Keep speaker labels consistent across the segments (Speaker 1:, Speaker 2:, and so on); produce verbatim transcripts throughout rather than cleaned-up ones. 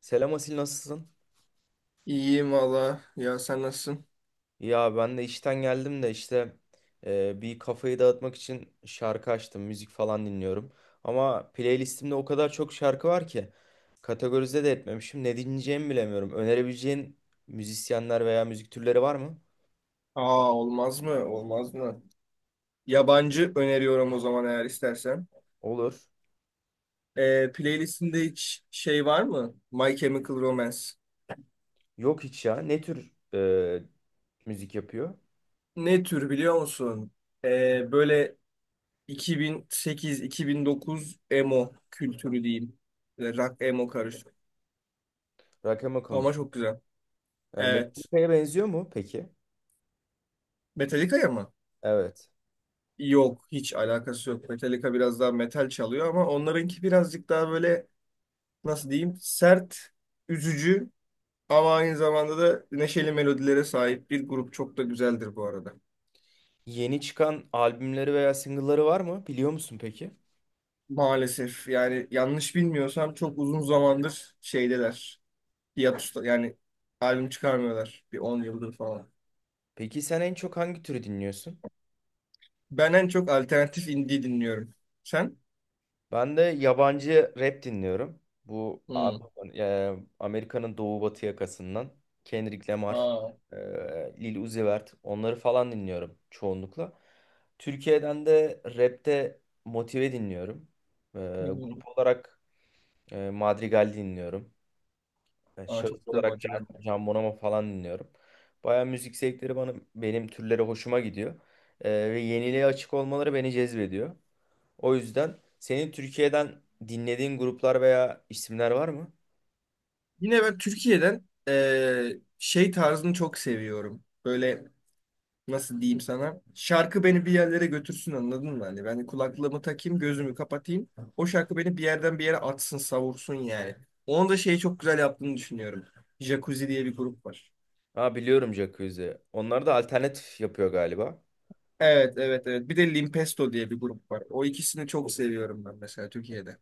Speaker 1: Selam Asil, nasılsın?
Speaker 2: İyiyim valla. Ya sen nasılsın?
Speaker 1: Ya ben de işten geldim de işte, e, bir kafayı dağıtmak için şarkı açtım, müzik falan dinliyorum. Ama playlistimde o kadar çok şarkı var ki kategorize de etmemişim. Ne dinleyeceğimi bilemiyorum. Önerebileceğin müzisyenler veya müzik türleri var mı?
Speaker 2: Aa olmaz mı? Olmaz mı? Yabancı öneriyorum o zaman eğer istersen.
Speaker 1: Olur.
Speaker 2: Ee, playlistinde hiç şey var mı? My Chemical Romance.
Speaker 1: Yok hiç ya. Ne tür e, müzik yapıyor?
Speaker 2: Ne tür biliyor musun? Ee, böyle iki bin sekiz-iki bin dokuz emo kültürü diyeyim. Böyle rock emo karışık.
Speaker 1: Rakama
Speaker 2: Ama
Speaker 1: Kamış.
Speaker 2: çok güzel.
Speaker 1: E,
Speaker 2: Evet.
Speaker 1: Metallica'ya benziyor mu peki?
Speaker 2: Metallica'ya mı?
Speaker 1: Evet.
Speaker 2: Yok. Hiç alakası yok. Metallica biraz daha metal çalıyor ama onlarınki birazcık daha böyle nasıl diyeyim? Sert, üzücü. Ama aynı zamanda da neşeli melodilere sahip bir grup, çok da güzeldir bu arada.
Speaker 1: Yeni çıkan albümleri veya single'ları var mı? Biliyor musun peki?
Speaker 2: Maalesef yani yanlış bilmiyorsam çok uzun zamandır şeydeler. Hiatus'ta yani albüm çıkarmıyorlar bir on yıldır falan.
Speaker 1: Peki sen en çok hangi türü dinliyorsun?
Speaker 2: Ben en çok alternatif indie dinliyorum. Sen?
Speaker 1: Ben de yabancı rap dinliyorum. Bu A-
Speaker 2: Hmm.
Speaker 1: e, Amerika'nın doğu batı yakasından Kendrick Lamar,
Speaker 2: Aa.
Speaker 1: e, Lil Uzi Vert, onları falan dinliyorum çoğunlukla. Türkiye'den de rapte Motive dinliyorum. E,
Speaker 2: Hı hı.
Speaker 1: Grup olarak e, Madrigal dinliyorum. E,
Speaker 2: Aa, çok
Speaker 1: şahıs
Speaker 2: güzel
Speaker 1: olarak
Speaker 2: macera.
Speaker 1: Can, Can Bonomo falan dinliyorum. Baya müzik zevkleri bana, benim türleri hoşuma gidiyor. E, ve yeniliğe açık olmaları beni cezbediyor. O yüzden senin Türkiye'den dinlediğin gruplar veya isimler var mı?
Speaker 2: Yine ben Türkiye'den eee, şey tarzını çok seviyorum. Böyle nasıl diyeyim sana? Şarkı beni bir yerlere götürsün, anladın mı? Hani ben kulaklığımı takayım, gözümü kapatayım. O şarkı beni bir yerden bir yere atsın, savursun yani. Onu da şeyi çok güzel yaptığını düşünüyorum. Jacuzzi diye bir grup var.
Speaker 1: Ha, biliyorum Jacuzzi. Onlar da alternatif yapıyor galiba.
Speaker 2: Evet, evet, evet. Bir de Limpesto diye bir grup var. O ikisini çok seviyorum ben mesela Türkiye'de.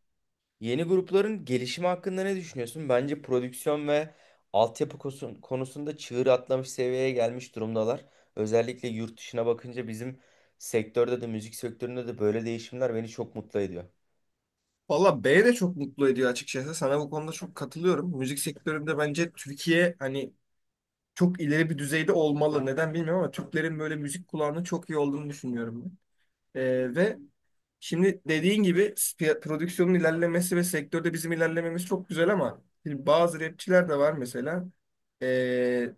Speaker 1: Yeni grupların gelişimi hakkında ne düşünüyorsun? Bence prodüksiyon ve altyapı kosu- konusunda çığır atlamış, seviyeye gelmiş durumdalar. Özellikle yurt dışına bakınca bizim sektörde de, müzik sektöründe de böyle değişimler beni çok mutlu ediyor.
Speaker 2: Valla B de çok mutlu ediyor açıkçası. Sana bu konuda çok katılıyorum. Müzik sektöründe bence Türkiye hani çok ileri bir düzeyde olmalı. Neden bilmiyorum ama Türklerin böyle müzik kulağının çok iyi olduğunu düşünüyorum ben. Ee, ve şimdi dediğin gibi piya- prodüksiyonun ilerlemesi ve sektörde bizim ilerlememiz çok güzel ama şimdi bazı rapçiler de var mesela. Ee,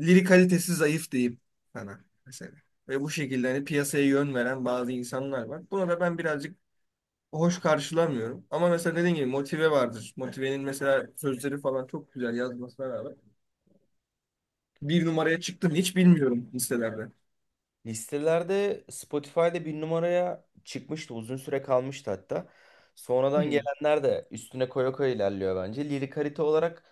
Speaker 2: Lirik kalitesi zayıf diyeyim sana mesela. Ve bu şekilde hani piyasaya yön veren bazı insanlar var. Buna da ben birazcık hoş karşılamıyorum. Ama mesela dediğin gibi Motive vardır. Motive'nin mesela sözleri falan çok güzel yazmasına rağmen bir numaraya çıktım hiç bilmiyorum listelerde.
Speaker 1: Listelerde Spotify'da bir numaraya çıkmıştı. Uzun süre kalmıştı hatta. Sonradan
Speaker 2: Hmm.
Speaker 1: gelenler de üstüne koya koya ilerliyor bence. Lirik harita olarak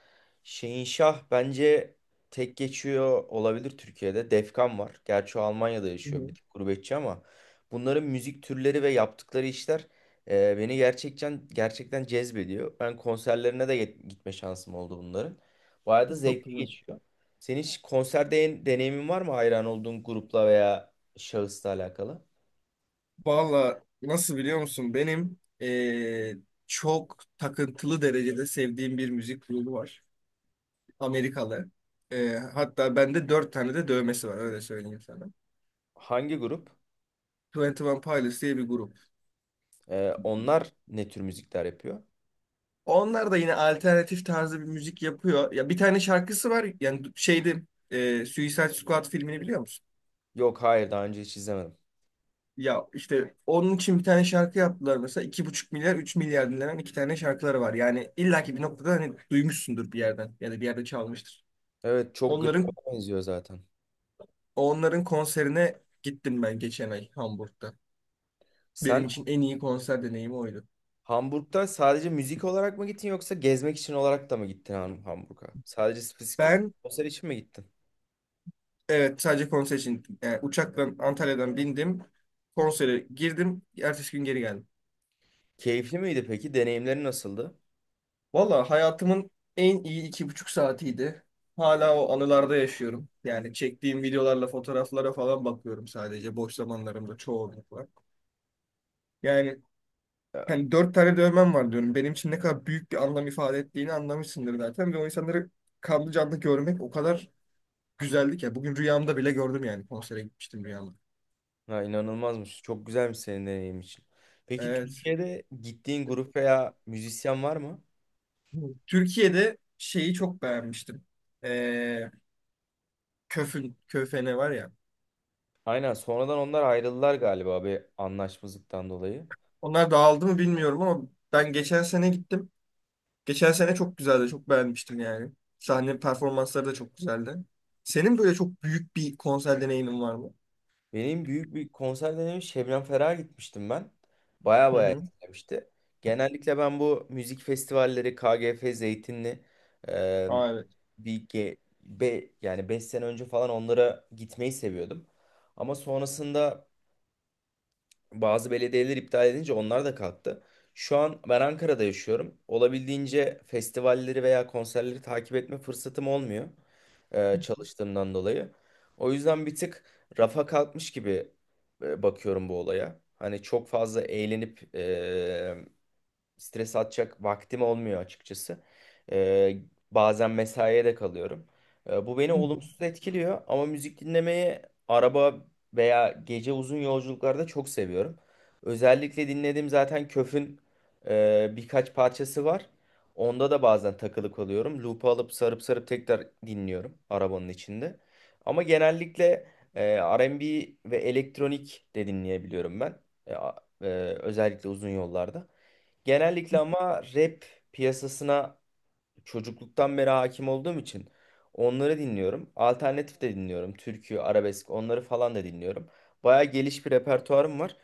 Speaker 1: Şehinşah bence tek geçiyor olabilir Türkiye'de. Defkan var. Gerçi o Almanya'da
Speaker 2: Hı
Speaker 1: yaşıyor,
Speaker 2: hı.
Speaker 1: bir tık gurbetçi, ama bunların müzik türleri ve yaptıkları işler e, beni gerçekten gerçekten cezbediyor. Ben konserlerine de git- gitme şansım oldu bunların. Bayağı da
Speaker 2: Çok
Speaker 1: zevkli
Speaker 2: güzel.
Speaker 1: geçiyor. Senin hiç konser de- deneyimin var mı hayran olduğun grupla veya şahısla alakalı?
Speaker 2: Valla nasıl biliyor musun? Benim eee, çok takıntılı derecede sevdiğim bir müzik grubu var. Amerikalı. Eee, hatta bende dört tane de dövmesi var, öyle söyleyeyim sana.
Speaker 1: Hangi grup?
Speaker 2: Twenty One Pilots diye bir grup.
Speaker 1: Ee, onlar ne tür müzikler yapıyor?
Speaker 2: Onlar da yine alternatif tarzı bir müzik yapıyor. Ya bir tane şarkısı var. Yani şeydi, eee Suicide Squad filmini biliyor musun?
Speaker 1: Yok, hayır, daha önce hiç izlemedim.
Speaker 2: Ya işte onun için bir tane şarkı yaptılar mesela. iki buçuk milyar üç milyar dinlenen iki tane şarkıları var. Yani illaki bir noktada hani duymuşsundur bir yerden ya da bir yerde çalmıştır.
Speaker 1: Evet, çok
Speaker 2: Onların
Speaker 1: glam'a benziyor zaten.
Speaker 2: onların konserine gittim ben geçen ay Hamburg'da. Benim
Speaker 1: Sen
Speaker 2: için en iyi konser deneyimi oydu.
Speaker 1: Hamburg'da sadece müzik olarak mı gittin, yoksa gezmek için olarak da mı gittin Ham- Hamburg'a? Sadece spesifik
Speaker 2: Ben,
Speaker 1: konser için mi gittin?
Speaker 2: evet, sadece konser için gittim. Yani uçaktan Antalya'dan bindim. Konsere girdim. Ertesi gün geri geldim.
Speaker 1: Keyifli miydi peki? Deneyimleri nasıldı?
Speaker 2: Valla hayatımın en iyi iki buçuk saatiydi. Hala o anılarda yaşıyorum. Yani çektiğim videolarla fotoğraflara falan bakıyorum sadece boş zamanlarımda çoğunlukla. Yani hani dört tane dövmem var diyorum. Benim için ne kadar büyük bir anlam ifade ettiğini anlamışsındır zaten. Ve o insanları kanlı canlı görmek o kadar güzeldi ki. Bugün rüyamda bile gördüm yani. Konsere gitmiştim rüyamda.
Speaker 1: Ha, inanılmazmış. Çok güzelmiş senin deneyim için. Peki
Speaker 2: Evet.
Speaker 1: Türkiye'de gittiğin grup veya müzisyen var mı?
Speaker 2: Türkiye'de şeyi çok beğenmiştim. Ee, Köfün, Köfene var ya.
Speaker 1: Aynen, sonradan onlar ayrıldılar galiba bir anlaşmazlıktan dolayı.
Speaker 2: Onlar dağıldı mı bilmiyorum ama ben geçen sene gittim. Geçen sene çok güzeldi. Çok beğenmiştim yani. Sahne performansları da çok güzeldi. Senin böyle çok büyük bir konser deneyimin var mı?
Speaker 1: Benim büyük bir konser deneyimim, Şebnem Ferah'a gitmiştim ben. Baya
Speaker 2: Hı
Speaker 1: baya
Speaker 2: hı.
Speaker 1: etkilemişti. Genellikle ben bu müzik festivalleri, K G F, Zeytinli, e,
Speaker 2: Aa, evet.
Speaker 1: bir ge- be, yani beş sene önce falan, onlara gitmeyi seviyordum. Ama sonrasında bazı belediyeler iptal edince onlar da kalktı. Şu an ben Ankara'da yaşıyorum. Olabildiğince festivalleri veya konserleri takip etme fırsatım olmuyor, e, çalıştığımdan dolayı. O yüzden bir tık rafa kalkmış gibi e, bakıyorum bu olaya. Hani çok fazla eğlenip e, stres atacak vaktim olmuyor açıkçası. Ee, Bazen mesaiye de kalıyorum. Ee, bu beni
Speaker 2: Hı hı.
Speaker 1: olumsuz etkiliyor, ama müzik dinlemeyi araba veya gece uzun yolculuklarda çok seviyorum. Özellikle dinlediğim zaten Köf'ün e, birkaç parçası var. Onda da bazen takılı kalıyorum. Loop'u alıp sarıp sarıp tekrar dinliyorum arabanın içinde. Ama genellikle e, R and B ve elektronik de dinleyebiliyorum ben. E, a- e, Özellikle uzun yollarda. Genellikle ama rap piyasasına çocukluktan beri hakim olduğum için onları dinliyorum. Alternatif de dinliyorum. Türkü, arabesk, onları falan da dinliyorum. Baya geliş bir repertuarım var.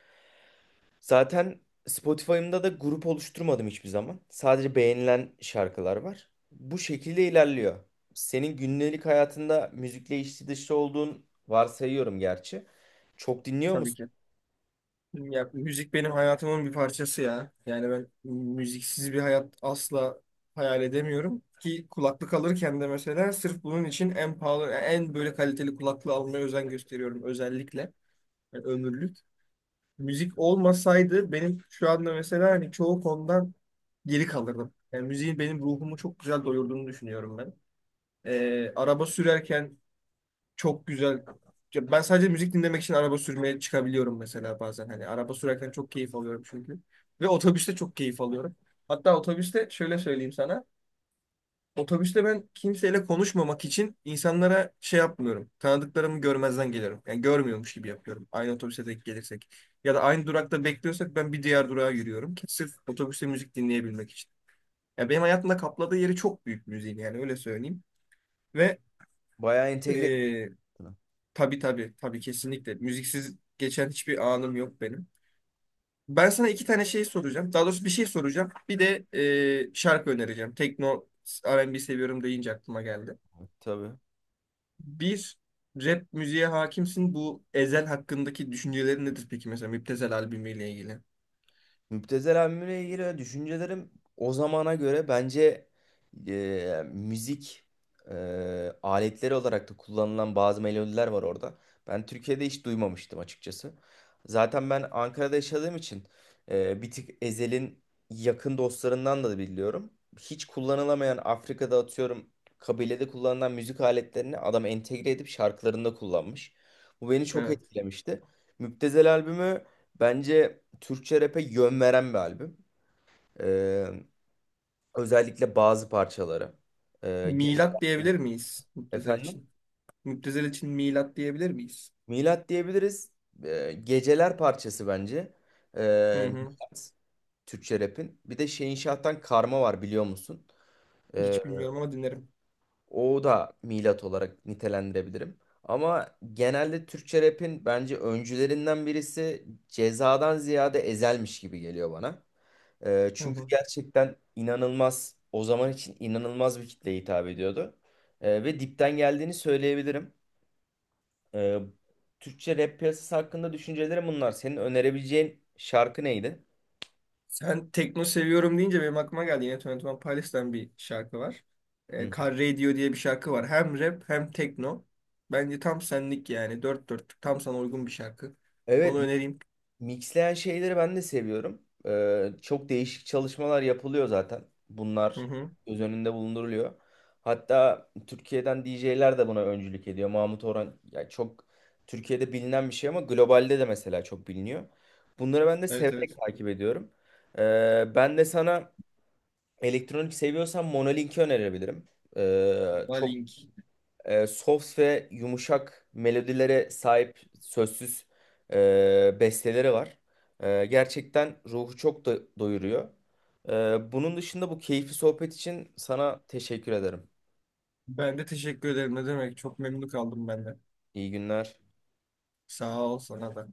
Speaker 1: Zaten Spotify'ımda da grup oluşturmadım hiçbir zaman. Sadece beğenilen şarkılar var. Bu şekilde ilerliyor. Senin günlük hayatında müzikle içli dışlı olduğun varsayıyorum gerçi. Çok dinliyor
Speaker 2: Tabii
Speaker 1: musun?
Speaker 2: ki. Ya müzik benim hayatımın bir parçası ya. Yani ben müziksiz bir hayat asla hayal edemiyorum. Ki kulaklık alırken de mesela sırf bunun için en pahalı, en böyle kaliteli kulaklığı almaya özen gösteriyorum özellikle. Yani ömürlük. Müzik olmasaydı benim şu anda mesela hani çoğu konudan geri kalırdım. Yani müziğin benim ruhumu çok güzel doyurduğunu düşünüyorum ben. Ee, araba sürerken çok güzel. Ya ben sadece müzik dinlemek için araba sürmeye çıkabiliyorum mesela bazen. Hani araba sürerken çok keyif alıyorum çünkü. Ve otobüste çok keyif alıyorum. Hatta otobüste şöyle söyleyeyim sana. Otobüste ben kimseyle konuşmamak için insanlara şey yapmıyorum. Tanıdıklarımı görmezden geliyorum. Yani görmüyormuş gibi yapıyorum. Aynı otobüse denk gelirsek. Ya da aynı durakta bekliyorsak ben bir diğer durağa yürüyorum. Ki sırf otobüste müzik dinleyebilmek için. Ya benim hayatımda kapladığı yeri çok büyük müziğin, yani öyle söyleyeyim. Ve
Speaker 1: Bayağı entegre.
Speaker 2: eee, tabii, tabii, tabii, kesinlikle. Müziksiz geçen hiçbir anım yok benim. Ben sana iki tane şey soracağım. Daha doğrusu bir şey soracağım. Bir de e, şarkı önereceğim. Tekno R and B seviyorum deyince aklıma geldi.
Speaker 1: Tabii.
Speaker 2: Bir rap müziğe hakimsin. Bu Ezel hakkındaki düşüncelerin nedir peki mesela Müptezel albümüyle ilgili?
Speaker 1: Müptezel albümüne ilgili düşüncelerim, o zamana göre bence e, müzik e, aletleri olarak da kullanılan bazı melodiler var orada. Ben Türkiye'de hiç duymamıştım açıkçası. Zaten ben Ankara'da yaşadığım için e, bir tık Ezel'in yakın dostlarından da biliyorum. Hiç kullanılamayan, Afrika'da atıyorum kabilede kullanılan müzik aletlerini adam entegre edip şarkılarında kullanmış. Bu beni çok
Speaker 2: Evet.
Speaker 1: etkilemişti. Müptezel albümü bence Türkçe rap'e yön veren bir albüm. Ee, Özellikle bazı parçaları. Ee, gece...
Speaker 2: Milat diyebilir miyiz Müptezel
Speaker 1: Efendim?
Speaker 2: için? Müptezel için milat diyebilir miyiz?
Speaker 1: Milat diyebiliriz. Ee, geceler parçası bence.
Speaker 2: Hı
Speaker 1: Ee,
Speaker 2: hı.
Speaker 1: Milat, Türkçe rap'in. Bir de Şehinşah'tan Karma var, biliyor musun? Ee,
Speaker 2: Hiç bilmiyorum ama dinlerim.
Speaker 1: O da Milat olarak nitelendirebilirim. Ama genelde Türkçe rap'in bence öncülerinden birisi Ceza'dan ziyade Ezel'miş gibi geliyor bana. Ee,
Speaker 2: Hı
Speaker 1: çünkü
Speaker 2: hı.
Speaker 1: gerçekten inanılmaz, o zaman için inanılmaz bir kitleye hitap ediyordu. Ee, ve dipten geldiğini söyleyebilirim. Ee, Türkçe rap piyasası hakkında düşüncelerim bunlar. Senin önerebileceğin şarkı neydi?
Speaker 2: Sen tekno seviyorum deyince benim aklıma geldi. Yine yirmi One Pilots'tan bir şarkı var. E,
Speaker 1: Hı.
Speaker 2: Car Radio diye bir şarkı var. Hem rap hem tekno. Bence tam senlik yani. Dört dörtlük tam sana uygun bir şarkı. Onu
Speaker 1: Evet,
Speaker 2: önereyim.
Speaker 1: Mixleyen şeyleri ben de seviyorum. Ee, çok değişik çalışmalar yapılıyor zaten.
Speaker 2: Hı
Speaker 1: Bunlar
Speaker 2: hı.
Speaker 1: göz önünde bulunduruluyor. Hatta Türkiye'den D J'ler de buna öncülük ediyor. Mahmut Orhan ya, çok Türkiye'de bilinen bir şey, ama globalde de mesela çok biliniyor. Bunları ben de
Speaker 2: Evet,
Speaker 1: severek
Speaker 2: evet.
Speaker 1: takip ediyorum. Ee, ben de sana, elektronik seviyorsan, Monolink'i önerebilirim. Ee,
Speaker 2: Buna
Speaker 1: çok
Speaker 2: link.
Speaker 1: e, soft ve yumuşak melodilere sahip sözsüz e, besteleri var. E, gerçekten ruhu çok da doyuruyor. E, bunun dışında bu keyifli sohbet için sana teşekkür ederim.
Speaker 2: Ben de teşekkür ederim. Ne demek? Çok memnun kaldım ben de.
Speaker 1: İyi günler.
Speaker 2: Sağ ol sana da.